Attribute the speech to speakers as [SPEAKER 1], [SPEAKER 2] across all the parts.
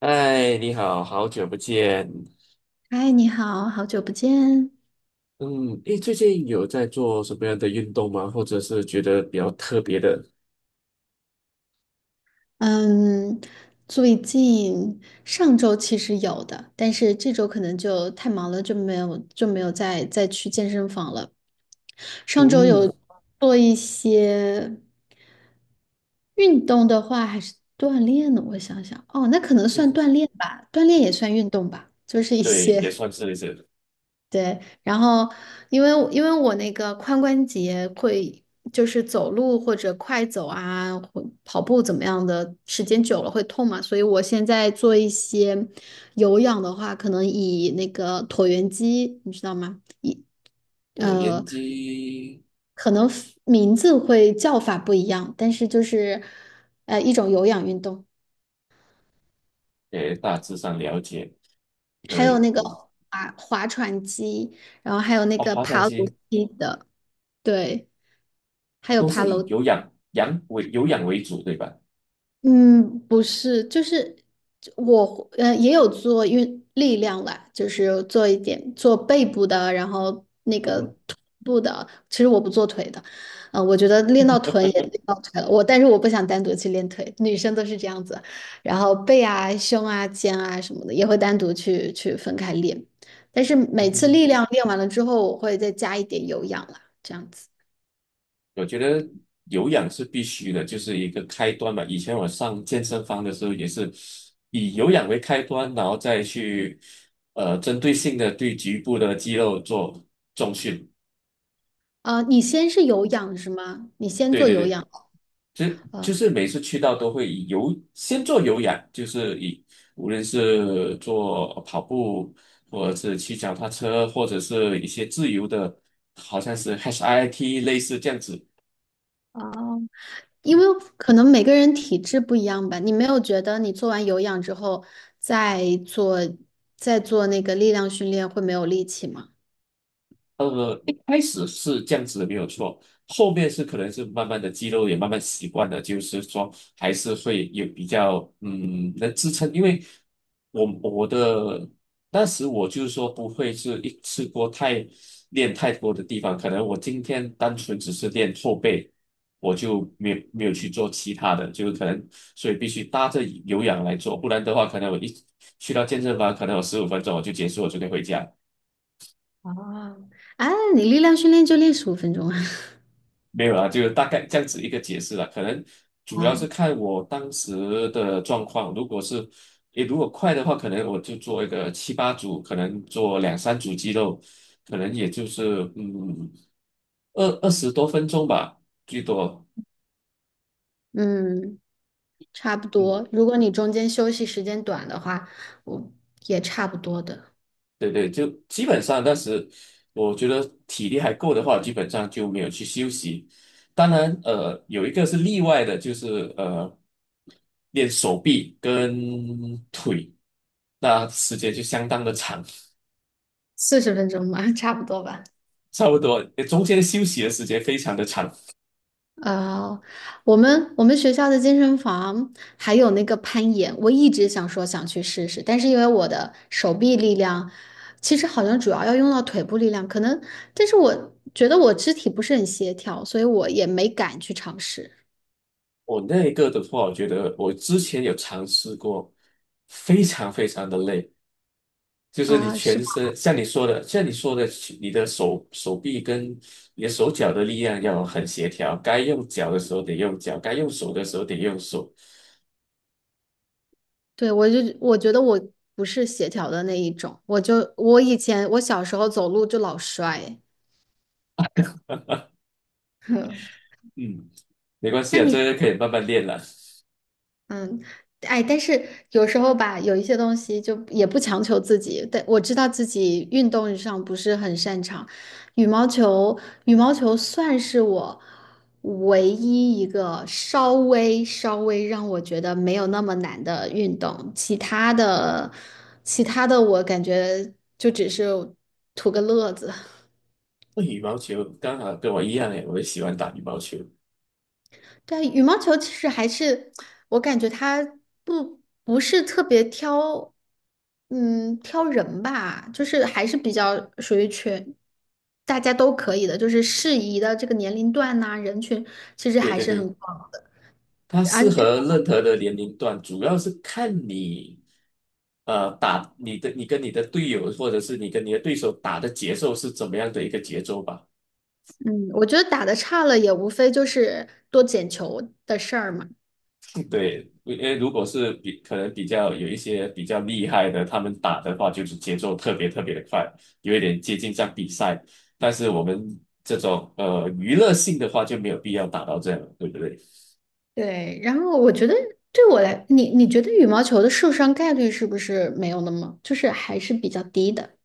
[SPEAKER 1] 哎，你好，好久不见。
[SPEAKER 2] 嗨，你好，好久不见。
[SPEAKER 1] 嗯，诶，最近有在做什么样的运动吗？或者是觉得比较特别的？
[SPEAKER 2] 嗯，最近上周其实有的，但是这周可能就太忙了，就没有再去健身房了。上周
[SPEAKER 1] 嗯，
[SPEAKER 2] 有做一些运动的话，还是锻炼呢？我想想，哦，那可能
[SPEAKER 1] 就
[SPEAKER 2] 算
[SPEAKER 1] 是
[SPEAKER 2] 锻炼吧，锻炼也算运动吧，就是一
[SPEAKER 1] 对，也
[SPEAKER 2] 些
[SPEAKER 1] 算 是。
[SPEAKER 2] 对，然后因为我那个髋关节会就是走路或者快走啊，或跑步怎么样的，时间久了会痛嘛，所以我现在做一些有氧的话，可能以那个椭圆机，你知道吗？以
[SPEAKER 1] 我研
[SPEAKER 2] 呃，
[SPEAKER 1] 究，
[SPEAKER 2] 可能 名字会叫法不一样，但是就是一种有氧运动，
[SPEAKER 1] 也大致上了解，
[SPEAKER 2] 还
[SPEAKER 1] 所
[SPEAKER 2] 有
[SPEAKER 1] 以
[SPEAKER 2] 那个
[SPEAKER 1] 我。
[SPEAKER 2] 划船机，然后还有那
[SPEAKER 1] 哦，
[SPEAKER 2] 个
[SPEAKER 1] 划船
[SPEAKER 2] 爬楼
[SPEAKER 1] 机
[SPEAKER 2] 梯的，对，还有
[SPEAKER 1] 都
[SPEAKER 2] 爬
[SPEAKER 1] 是以
[SPEAKER 2] 楼。
[SPEAKER 1] 有氧为主，对吧？
[SPEAKER 2] 嗯，不是，就是我也有做运力量啦，就是做一点做背部的，然后那个臀部的。其实我不做腿的，我觉得练到臀也练 到腿了，但是我不想单独去练腿，女生都是这样子，然后背啊、胸啊、肩啊什么的也会单独去分开练，但是
[SPEAKER 1] 嗯
[SPEAKER 2] 每次
[SPEAKER 1] 哼，
[SPEAKER 2] 力 量练完了之后，我会再加一点有氧啦，这样子。
[SPEAKER 1] 我觉得有氧是必须的，就是一个开端嘛。以前我上健身房的时候也是以有氧为开端，然后再去针对性的对局部的肌肉做重训。
[SPEAKER 2] 啊、你先是有氧是吗？你先
[SPEAKER 1] 对
[SPEAKER 2] 做
[SPEAKER 1] 对
[SPEAKER 2] 有
[SPEAKER 1] 对，
[SPEAKER 2] 氧。
[SPEAKER 1] 就就
[SPEAKER 2] 啊，
[SPEAKER 1] 是每次去到都会先做有氧，就是无论是做跑步，或者是骑脚踏车，或者是一些自由的，好像是 HIIT 类似这样子。
[SPEAKER 2] 哦，因为可能每个人体质不一样吧，你没有觉得你做完有氧之后再做再做那个力量训练会没有力气吗？
[SPEAKER 1] 一开始是这样子的，没有错。后面是可能是慢慢的肌肉也慢慢习惯了，就是说还是会有比较能支撑，因为我我的当时我就是说不会是一次过练太多的地方，可能我今天单纯只是练后背，我就没有去做其他的，就是可能所以必须搭着有氧来做，不然的话可能我一去到健身房，可能我15分钟我就结束，我就可以回家。
[SPEAKER 2] 啊，啊，你力量训练就练15分钟啊。
[SPEAKER 1] 没有啦，就大概这样子一个解释啦。可能主要是
[SPEAKER 2] 啊，
[SPEAKER 1] 看我当时的状况，如果是，你如果快的话，可能我就做一个七八组，可能做两三组肌肉，可能也就是二十多分钟吧，最多。嗯，
[SPEAKER 2] 嗯，差不多。如果你中间休息时间短的话，我也差不多的，
[SPEAKER 1] 对对，就基本上当时我觉得体力还够的话，基本上就没有去休息。当然，有一个是例外的，就是练手臂跟腿，那时间就相当的长，
[SPEAKER 2] 40分钟吧，差不多吧。
[SPEAKER 1] 差不多中间休息的时间非常的长。
[SPEAKER 2] 呃，我们学校的健身房还有那个攀岩，我一直想说想去试试，但是因为我的手臂力量，其实好像主要要用到腿部力量，可能，但是我觉得我肢体不是很协调，所以我也没敢去尝试
[SPEAKER 1] 我那一个的话，我觉得我之前有尝试过，非常非常的累。就是你
[SPEAKER 2] 啊，是
[SPEAKER 1] 全
[SPEAKER 2] 吧？
[SPEAKER 1] 身，像你说的，你的手臂跟你的手脚的力量要很协调，该用脚的时候得用脚，该用手的时候得用手。
[SPEAKER 2] 对，我就我觉得我不是协调的那一种，我就我以前我小时候走路就老摔，
[SPEAKER 1] 嗯，没关系
[SPEAKER 2] 那
[SPEAKER 1] 啊，
[SPEAKER 2] 你？
[SPEAKER 1] 这个可以慢慢练了。那
[SPEAKER 2] 嗯，哎，但是有时候吧，有一些东西就也不强求自己。但我知道自己运动上不是很擅长，羽毛球，羽毛球算是我唯一一个稍微稍微让我觉得没有那么难的运动。其他的，其他的我感觉就只是图个乐子。
[SPEAKER 1] 羽毛球刚好跟我一样诶，我也喜欢打羽毛球。
[SPEAKER 2] 对啊，羽毛球其实还是我感觉它不是特别挑，嗯，挑人吧，就是还是比较属于全大家都可以的，就是适宜的这个年龄段呐、人群其实
[SPEAKER 1] 对
[SPEAKER 2] 还
[SPEAKER 1] 对
[SPEAKER 2] 是
[SPEAKER 1] 对，
[SPEAKER 2] 很广的。
[SPEAKER 1] 它
[SPEAKER 2] 而
[SPEAKER 1] 适合任何的年龄段，主要是看你，呃，打你的你跟你的队友，或者是你跟你的对手打的节奏是怎么样的一个节奏吧。
[SPEAKER 2] 嗯，我觉得打的差了也无非就是多捡球的事儿嘛。
[SPEAKER 1] 对，因为如果是可能比较有一些比较厉害的，他们打的话就是节奏特别特别的快，有一点接近像比赛。但是我们这种娱乐性的话就没有必要打到这样了，对不对？
[SPEAKER 2] 对，然后我觉得对我来，你觉得羽毛球的受伤概率是不是没有那么，就是还是比较低的？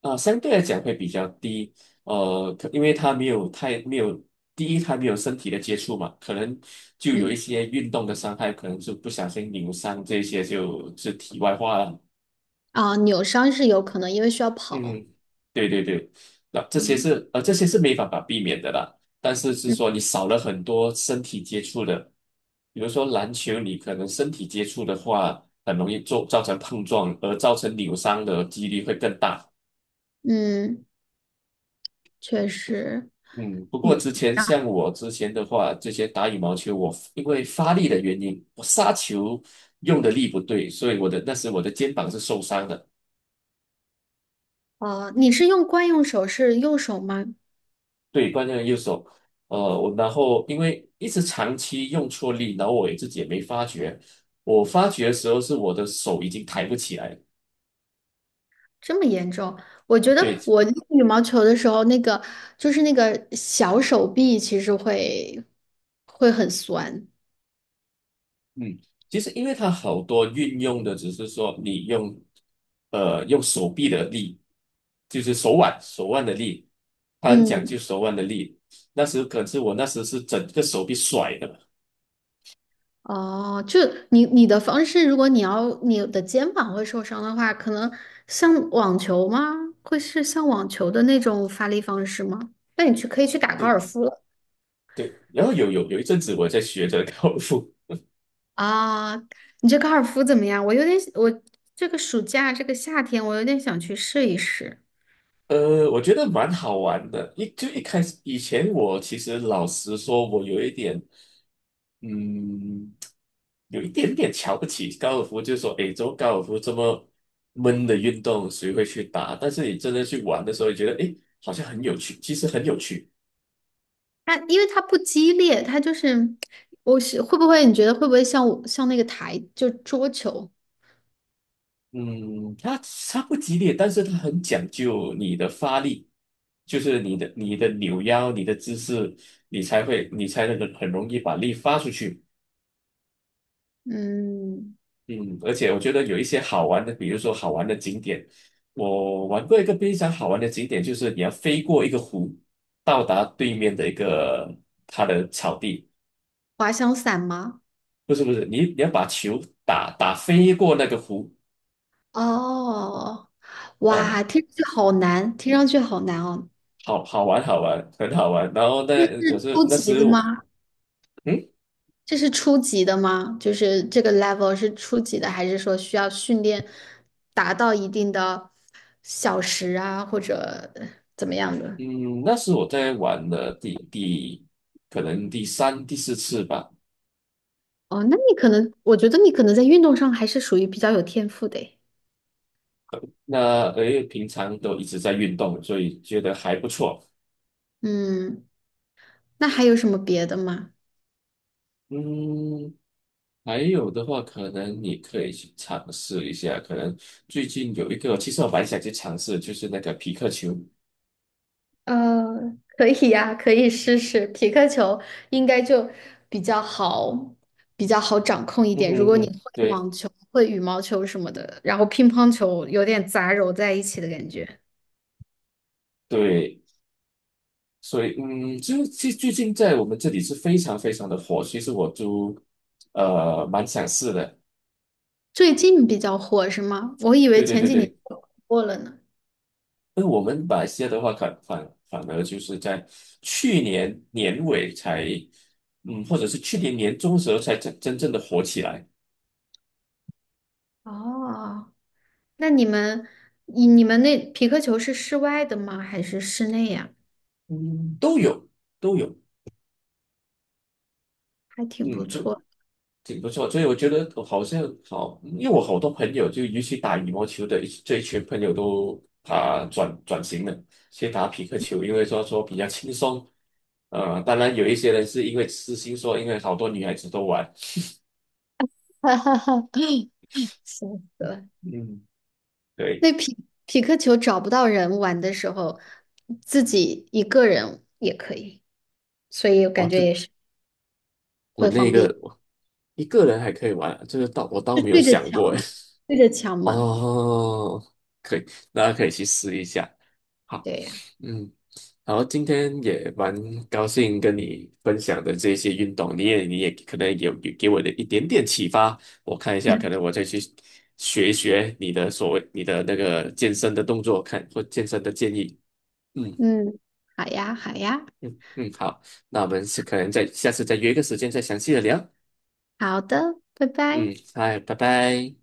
[SPEAKER 1] 啊，相对来讲会比较低，因为他没有没有第一，它没有身体的接触嘛，可能就有一
[SPEAKER 2] 嗯。
[SPEAKER 1] 些运动的伤害，可能是不小心扭伤，这些就是题外话了。
[SPEAKER 2] 啊，扭伤是有可能，因为需要跑。
[SPEAKER 1] 嗯，对对对，那这些
[SPEAKER 2] 嗯
[SPEAKER 1] 是呃这些是没办法避免的啦，但是
[SPEAKER 2] 嗯
[SPEAKER 1] 说你少了很多身体接触的，比如说篮球，你可能身体接触的话，很容易做造成碰撞，而造成扭伤的几率会更大。
[SPEAKER 2] 嗯，确实。
[SPEAKER 1] 嗯，不过之前像我之前的话，这些打羽毛球，我因为发力的原因，我杀球用的力不对，所以那时我的肩膀是受伤的。
[SPEAKER 2] 啊，你是用惯用手是右手吗？
[SPEAKER 1] 对，惯用的右手，我然后因为一直长期用错力，然后我也自己也没发觉。我发觉的时候是我的手已经抬不起来了。
[SPEAKER 2] 这么严重？我觉
[SPEAKER 1] 对，
[SPEAKER 2] 得我练羽毛球的时候，那个就是那个小手臂其实会很酸。
[SPEAKER 1] 嗯，其实因为它好多运用的只是说你用手臂的力，就是手腕的力，它很讲
[SPEAKER 2] 嗯，
[SPEAKER 1] 究手腕的力。可是我那时是整个手臂甩的，
[SPEAKER 2] 哦，就你的方式，如果你要你的肩膀会受伤的话，可能像网球吗？会是像网球的那种发力方式吗？那你去可以去打高尔
[SPEAKER 1] 对
[SPEAKER 2] 夫了。
[SPEAKER 1] 对。然后有一阵子我在学着高尔夫。
[SPEAKER 2] 啊，你这高尔夫怎么样？我有点，我这个暑假这个夏天，我有点想去试一试。
[SPEAKER 1] 我觉得蛮好玩的。一开始以前，我其实老实说，我有一点，嗯，有一点点瞧不起高尔夫，就是说，诶，做高尔夫这么闷的运动，谁会去打？但是你真的去玩的时候，你觉得，诶，好像很有趣，其实很有趣。
[SPEAKER 2] 它因为它不激烈，它就是，我是会不会你觉得会不会像我像那个台就桌球，
[SPEAKER 1] 嗯，它不激烈，但是它很讲究你的发力，就是你的扭腰、你的姿势，你才能很容易把力发出去。
[SPEAKER 2] 嗯，
[SPEAKER 1] 嗯，而且我觉得有一些好玩的，比如说好玩的景点，我玩过一个非常好玩的景点，就是你要飞过一个湖，到达对面的一个它的草地，
[SPEAKER 2] 滑翔伞吗？
[SPEAKER 1] 不是不是，你要把球打飞过那个湖，
[SPEAKER 2] 哦，哇，
[SPEAKER 1] 嗯，
[SPEAKER 2] 听上去好难，听上去好难哦。
[SPEAKER 1] 好好玩好玩，很好玩。然后那可是
[SPEAKER 2] 初
[SPEAKER 1] 那
[SPEAKER 2] 级
[SPEAKER 1] 时
[SPEAKER 2] 的
[SPEAKER 1] 我
[SPEAKER 2] 吗？
[SPEAKER 1] 嗯
[SPEAKER 2] 这是初级的吗？就是这个 level 是初级的，还是说需要训练达到一定的小时啊，或者怎么样的？
[SPEAKER 1] 嗯，那是我在玩的第可能第三第四次吧。
[SPEAKER 2] 哦，那你可能，我觉得你可能在运动上还是属于比较有天赋的诶
[SPEAKER 1] 那因为平常都一直在运动，所以觉得还不错。
[SPEAKER 2] 嗯，那还有什么别的吗？
[SPEAKER 1] 嗯，还有的话，可能你可以去尝试一下。可能最近有一个，其实我蛮想去尝试，就是那个皮克球。
[SPEAKER 2] 可以呀，可以试试匹克球，应该就比较好，比较好掌控一
[SPEAKER 1] 嗯
[SPEAKER 2] 点。如
[SPEAKER 1] 哼
[SPEAKER 2] 果你
[SPEAKER 1] 哼，对
[SPEAKER 2] 会羽毛球什么的，然后乒乓球有点杂糅在一起的感觉。
[SPEAKER 1] 对，所以就最近在我们这里是非常非常的火。其实我都蛮想试的。
[SPEAKER 2] 最近比较火是吗？我以为
[SPEAKER 1] 对对
[SPEAKER 2] 前
[SPEAKER 1] 对
[SPEAKER 2] 几年
[SPEAKER 1] 对，
[SPEAKER 2] 火过了呢。
[SPEAKER 1] 那我们马来西亚的话，反而就是在去年年尾才，或者是去年年中时候才真正的火起来。
[SPEAKER 2] 哦，那你们，你们那皮克球是室外的吗？还是室内呀？
[SPEAKER 1] 嗯，都有都有。
[SPEAKER 2] 还挺不错。
[SPEAKER 1] 挺不错，所以我觉得好像好，因为我好多朋友就尤其打羽毛球的这一群朋友都啊转型了，先打匹克球，因为说比较轻松。当然有一些人是因为私心说，因为好多女孩子都玩。
[SPEAKER 2] 哈哈哈，笑死了。
[SPEAKER 1] 嗯，对，
[SPEAKER 2] 那匹克球找不到人玩的时候，自己一个人也可以，所以我
[SPEAKER 1] 哦，
[SPEAKER 2] 感觉
[SPEAKER 1] 这
[SPEAKER 2] 也是
[SPEAKER 1] 我
[SPEAKER 2] 会
[SPEAKER 1] 那
[SPEAKER 2] 方
[SPEAKER 1] 个
[SPEAKER 2] 便，
[SPEAKER 1] 我一个人还可以玩，这个倒我倒
[SPEAKER 2] 就
[SPEAKER 1] 没有
[SPEAKER 2] 对着
[SPEAKER 1] 想
[SPEAKER 2] 墙，
[SPEAKER 1] 过哎。
[SPEAKER 2] 对着墙 嘛。
[SPEAKER 1] 哦，可以，大家可以去试一下。好，
[SPEAKER 2] 对呀，
[SPEAKER 1] 嗯，然后今天也蛮高兴跟你分享的这些运动，你也可能有给我的一点点启发，我看一下，可 能我再去学一学你的那个健身的动作，或健身的建议。嗯
[SPEAKER 2] 嗯，好呀，好呀，
[SPEAKER 1] 嗯，好，那我们是可能再下次再约一个时间再详细的聊。
[SPEAKER 2] 好的，拜拜。
[SPEAKER 1] 嗯，嗨，拜拜。